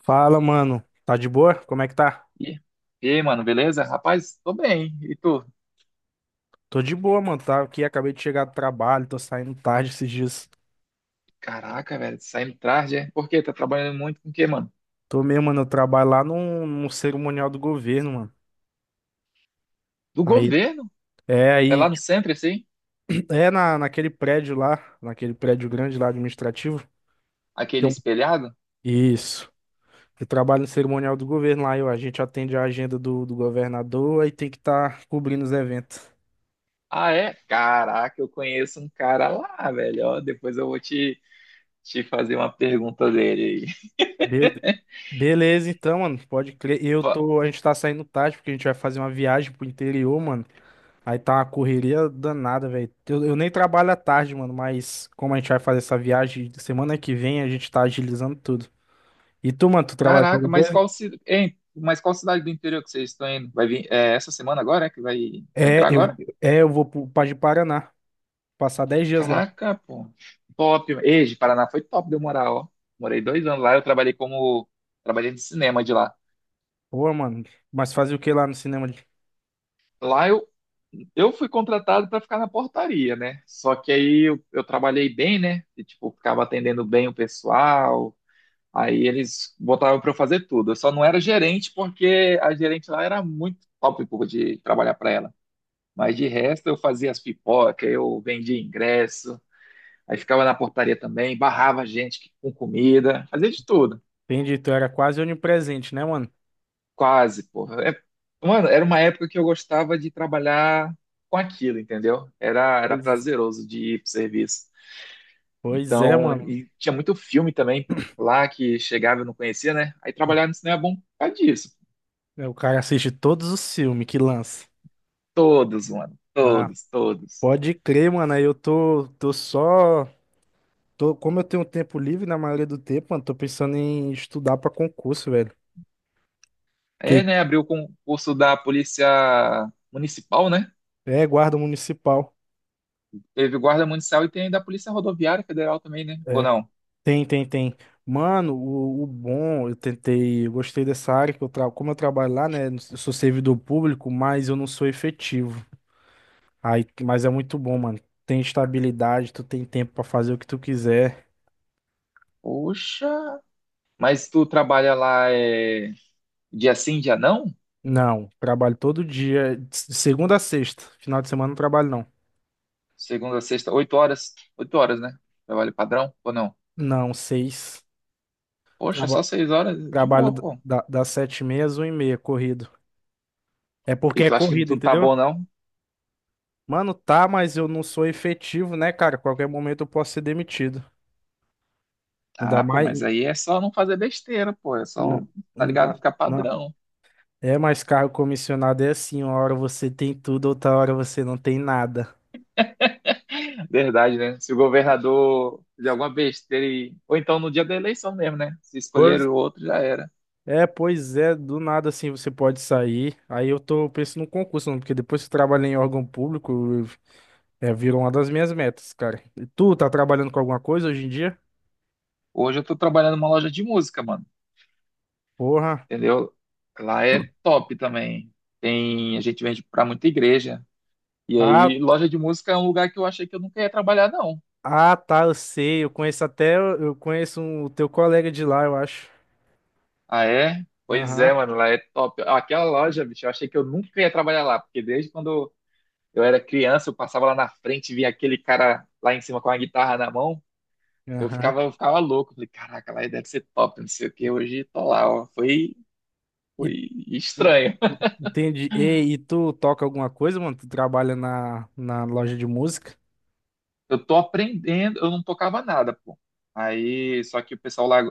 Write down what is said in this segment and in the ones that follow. Fala, mano. Tá de boa? Como é que tá? E e aí, mano, beleza? Rapaz, tô bem. E tu? Tô de boa, mano. Tá aqui, acabei de chegar do trabalho, tô saindo tarde esses dias. Caraca, velho, saindo tarde, é? Por quê? Tá trabalhando muito com o quê, mano? Tô mesmo, mano. Eu trabalho lá num cerimonial do governo, mano. Do Aí, governo? é, É aí, lá no tipo, centro, assim? Naquele prédio lá, naquele prédio grande lá administrativo. Aquele Então, espelhado? isso. Eu trabalho no cerimonial do governo lá, a gente atende a agenda do governador, aí tem que estar cobrindo os eventos. Ah, é? Caraca, eu conheço um cara lá, velho. Ó, depois eu vou te fazer uma pergunta dele aí. Be- Beleza, então, mano, pode crer. Fa- A gente tá saindo tarde porque a gente vai fazer uma viagem pro interior, mano. Aí tá uma correria danada, velho. Eu nem trabalho à tarde, mano, mas como a gente vai fazer essa viagem semana que vem, a gente tá agilizando tudo. E tu, mano, tu trabalha com Caraca, alguma mas coisa? Qual cidade do interior que vocês estão indo? Vai vir é, essa semana agora, é? Que vai É, entrar eu, agora? eu vou pro, pra de Paraná, passar 10 dias lá. Caraca, pô. Top. Ei, de Paraná foi top de eu morar, ó. Morei 2 anos lá, eu trabalhei como. Trabalhei de cinema de lá. Pô, mano, mas fazer o que lá no cinema? Lá eu fui contratado para ficar na portaria, né? Só que aí eu trabalhei bem, né? E, tipo, ficava atendendo bem o pessoal. Aí eles botavam para eu fazer tudo. Eu só não era gerente porque a gerente lá era muito top, pô, de trabalhar para ela. Mas de resto eu fazia as pipocas, eu vendia ingresso, aí ficava na portaria também, barrava a gente que- com comida, fazia de tudo. Entendi, tu era quase onipresente, né, mano? Quase, porra. Mano, era uma época que eu gostava de trabalhar com aquilo, entendeu? Era Pois, prazeroso de ir pro serviço. pois é, Então, mano. e tinha muito filme também lá que chegava e eu não conhecia, né? Aí trabalhar no cinema é bom por causa disso. É, o cara assiste todos os filmes que lança. Todos, mano. Ah, Todos, todos. pode crer, mano. Aí eu tô só. Como eu tenho tempo livre, na maioria do tempo, mano, tô pensando em estudar pra concurso, velho. Aí, Que né, abriu o concurso da Polícia Municipal, né? é guarda municipal. Teve Guarda Municipal e tem da Polícia Rodoviária Federal também, né? Ou É. não? Tem, tem, tem. Mano, o bom, eu tentei, eu gostei dessa área que eu trabalho. Como eu trabalho lá, né? Eu sou servidor público, mas eu não sou efetivo. Aí, mas é muito bom, mano. Tem estabilidade, tu tem tempo pra fazer o que tu quiser. Poxa, mas tu trabalha lá é, dia sim, dia não? Não, trabalho todo dia, de segunda a sexta. Final de semana não trabalho, não. Segunda, sexta, 8 horas. 8 horas, né? Trabalho padrão ou não? Não, seis. Poxa, só 6 horas de Trabalho boa, pô. Das 7:30 às 1h30, corrido. É porque E é tu acha que corrido, tudo tá entendeu? bom, não? Mano, tá, mas eu não sou efetivo, né, cara? Qualquer momento eu posso ser demitido. Ainda Ah, pô, mais. mas aí é só não fazer besteira, pô. É Na, só, tá ligado? na, Ficar na- padrão. É, mas cargo comissionado é assim: uma hora você tem tudo, outra hora você não tem nada. Verdade, né? Se o governador fizer alguma besteira e... Ou então no dia da eleição mesmo, né? Se escolher Pois o outro, já era. pois é, do nada assim você pode sair. Aí eu tô pensando no concurso, mano, porque depois que eu trabalhei em órgão público, virou uma das minhas metas, cara. E tu tá trabalhando com alguma coisa hoje em dia? Hoje eu tô trabalhando numa loja de música, mano. Porra. Entendeu? Lá é top também. A gente vende pra muita igreja. E Ah, aí, loja de música é um lugar que eu achei que eu nunca ia trabalhar, não. Ah, tá, eu sei. Eu conheço o teu colega de lá, eu acho. Ah, é? Pois é, Aham, mano, lá é top. Ah, aquela loja, bicho, eu achei que eu nunca ia trabalhar lá, porque desde quando eu era criança, eu passava lá na frente, via aquele cara lá em cima com a guitarra na mão, aham. Eu ficava louco. Falei, caraca, lá deve ser top, não sei o que. Hoje tô lá, ó. Foi, E- foi e- estranho. Entendi. E tu toca alguma coisa, mano? Tu trabalha na loja de música? Eu tô aprendendo, eu não tocava nada, pô. Aí, só que o pessoal lá,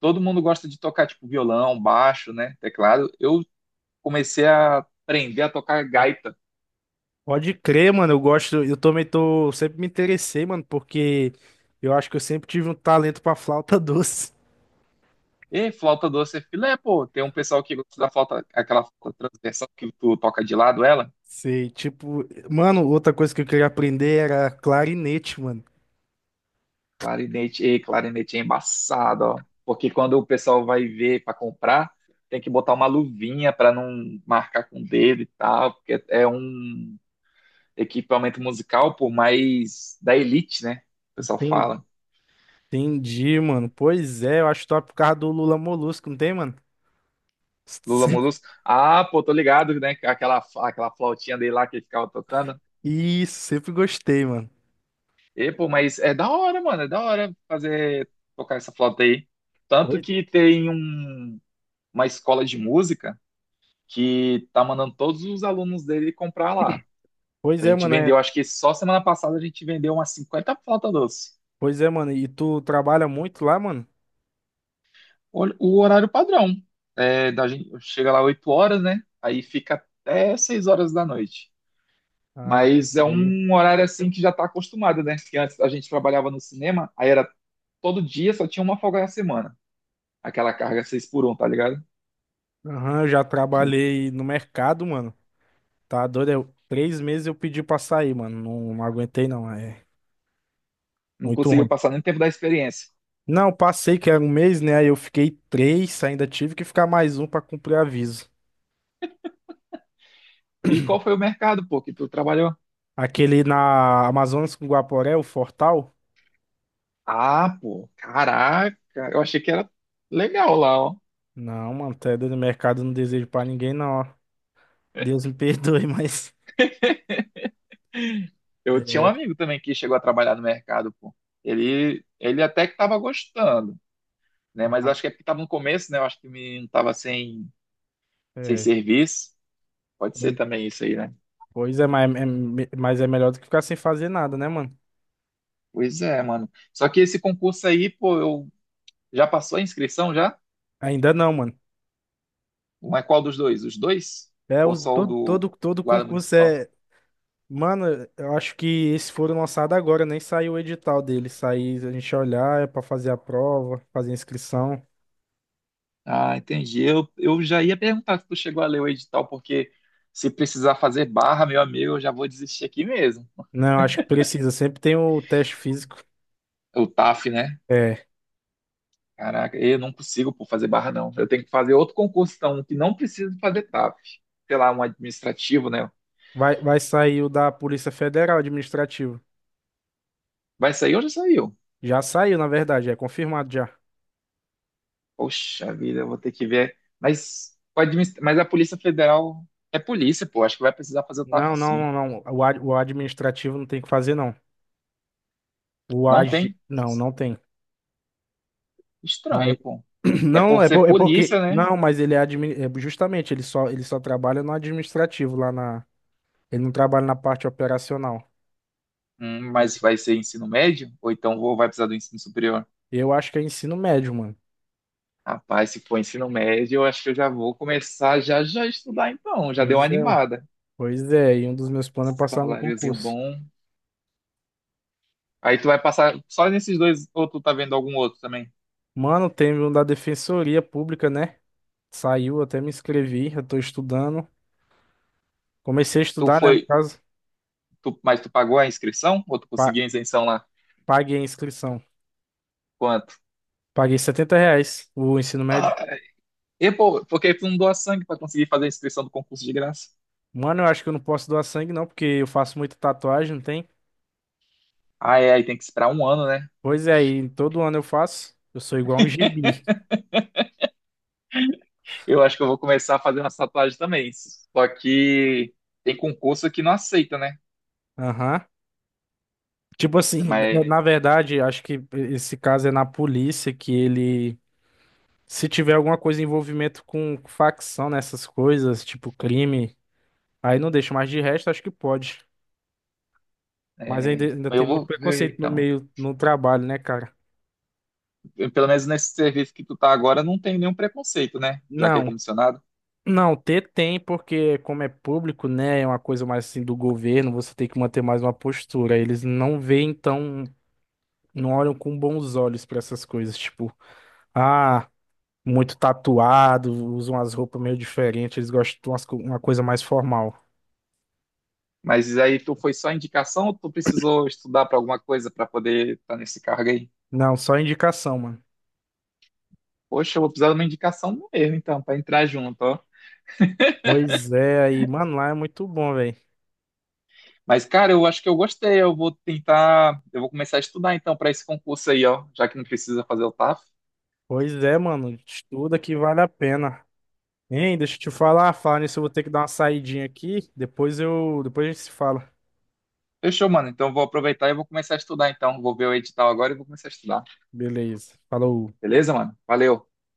todo mundo gosta de tocar, tipo, violão, baixo, né, teclado. Eu comecei a aprender a tocar gaita. Pode crer, mano. Eu gosto. Eu também tô. Sempre me interessei, mano, porque eu acho que eu sempre tive um talento pra flauta doce. E flauta doce é filé, pô. Tem um pessoal que gosta da flauta, aquela flauta transversal que tu toca de lado, ela. Sei, tipo. Mano, outra coisa que eu queria aprender era clarinete, mano. Clarinete, e clarinete é embaçado, ó. Porque quando o pessoal vai ver para comprar, tem que botar uma luvinha para não marcar com o dedo e tal, porque é um equipamento musical, por mais da elite, né? O pessoal Entendi, fala. Entendi, mano. Pois é, eu acho top por causa do Lula Molusco, não tem, mano? Lula Sempre- Molusco. Ah, pô, tô ligado, né? Aquela flautinha dele lá que ele ficava tocando. Isso, sempre gostei, mano. E, pô, mas é da hora, mano, é da hora fazer tocar essa flauta aí. Tanto Pois, que tem uma escola de música que tá mandando todos os alunos dele comprar lá. pois A é, gente mano. vendeu, acho que só semana passada a gente vendeu umas 50 flautas doce. Pois é, mano. E tu trabalha muito lá, mano? O horário padrão. É, da gente, chega lá 8 horas, né? Aí fica até 6 horas da noite. Ah, Mas é entendi. um horário assim que já tá acostumado, né? Porque antes a gente trabalhava no cinema, aí era todo dia, só tinha uma folga na semana. Aquela carga 6 por um tá ligado? Aham, eu já E trabalhei no mercado, mano. Tá doido? 3 meses eu pedi pra sair, mano. Não, não aguentei, não. É não muito conseguiu ruim. passar nem tempo da experiência. Não, passei que era 1 mês, né? Aí eu fiquei três, ainda tive que ficar mais um pra cumprir aviso. E qual foi o mercado, pô, que tu trabalhou? Aquele na Amazonas com Guaporé, o Fortal? Ah, pô, caraca, eu achei que era legal lá, ó. Não, mano, até doido. Mercado eu não desejo pra ninguém, não, ó. Deus me perdoe, mas. Eu tinha um É. amigo também que chegou a trabalhar no mercado, pô. Ele até que tava gostando, né? Mas eu acho que é porque tava no começo, né? Eu acho que o menino tava sem É. serviço. Pode ser Pois também isso aí, né? pois é, mas é melhor do que ficar sem fazer nada, né, mano? Pois é, mano. Só que esse concurso aí, pô, eu já passou a inscrição já? Ainda não, mano. Mas qual dos dois? Os dois? É, Ou só o todo, do todo, todo guarda concurso municipal? é. Mano, eu acho que esses foram lançados agora, nem saiu o edital deles. Sair, a gente olhar, é pra fazer a prova, fazer a inscrição. Ah, entendi. Eu já ia perguntar se tu chegou a ler o edital, porque se precisar fazer barra, meu amigo, eu já vou desistir aqui mesmo. Não, acho que precisa, sempre tem o teste físico. O TAF, né? É. Caraca, eu não consigo pô, fazer barra, não. Eu tenho que fazer outro concurso, então, que não precisa fazer TAF. Sei lá, um administrativo, né? Vai sair o da Polícia Federal Administrativo. Vai sair ou já saiu? Já saiu, na verdade, é confirmado já. Poxa vida, eu vou ter que ver. Mas, mas a Polícia Federal é polícia, pô. Acho que vai precisar fazer o TAF, Não, não, sim. não, não. O administrativo não tem que fazer, não. O Não AG. tem? Não, não tem. Estranho, Aí- pô. É Não, por ser é porque. polícia, né? Não, mas ele é justamente, ele só trabalha no administrativo lá na. Ele não trabalha na parte operacional. Mas vai ser ensino médio? Ou então vai precisar do ensino superior? Eu acho que é ensino médio, mano. Rapaz, se for ensino médio, eu acho que eu já vou começar já já a estudar então. Já deu uma Pois é, mano. animada. Pois é. E um dos meus planos é passar no Saláriozinho concurso. bom. Aí tu vai passar só nesses dois, ou tu tá vendo algum outro também? Mano, teve um da Defensoria Pública, né? Saiu, até me inscrevi. Eu tô estudando. Comecei a Tu estudar, né? No foi, caso, mas tu pagou a inscrição? Ou tu pa- conseguiu a isenção lá? paguei a inscrição. Quanto? Paguei R$ 70 o ensino médio. Ah, e pô, porque tu não doa sangue pra conseguir fazer a inscrição do concurso de graça? Mano, eu acho que eu não posso doar sangue, não, porque eu faço muita tatuagem, não tem? Ah, é, aí tem que esperar 1 ano, né? Pois é, e todo ano eu faço. Eu sou igual um gibi. Eu acho que eu vou começar a fazer umas tatuagens também. Só que tem concurso que não aceita, né? Aham. Tipo assim, Mas na verdade, acho que esse caso é na polícia que ele, se tiver alguma coisa em envolvimento com facção nessas coisas, tipo crime, aí não deixa, mas de resto acho que pode. Mas ainda, é, ainda eu tem muito vou ver preconceito no então. meio, no trabalho, né, cara? Eu, pelo menos nesse serviço que tu tá agora, não tem nenhum preconceito, né? Já que é Não, comissionado. não, ter tem, porque como é público, né, é uma coisa mais assim do governo, você tem que manter mais uma postura. Eles não veem então não olham com bons olhos pra essas coisas, tipo, ah, muito tatuado, usam umas roupas meio diferentes, eles gostam de uma coisa mais formal. Mas aí tu foi só indicação ou tu precisou estudar para alguma coisa para poder estar nesse cargo aí? Não, só indicação, mano. Poxa, eu vou precisar de uma indicação mesmo, então, para entrar junto, ó. Pois é, aí, mano, lá é muito bom, velho. Mas, cara, eu acho que eu gostei. Eu vou tentar. Eu vou começar a estudar então para esse concurso aí, ó. Já que não precisa fazer o TAF. Pois é, mano, estuda que vale a pena. Hein, deixa eu te falar, falar nisso, eu vou ter que dar uma saidinha aqui, depois a gente se fala. Fechou, mano. Então eu vou aproveitar e vou começar a estudar então. Vou ver o edital agora e vou começar a estudar. Beleza, falou. Beleza, mano? Valeu.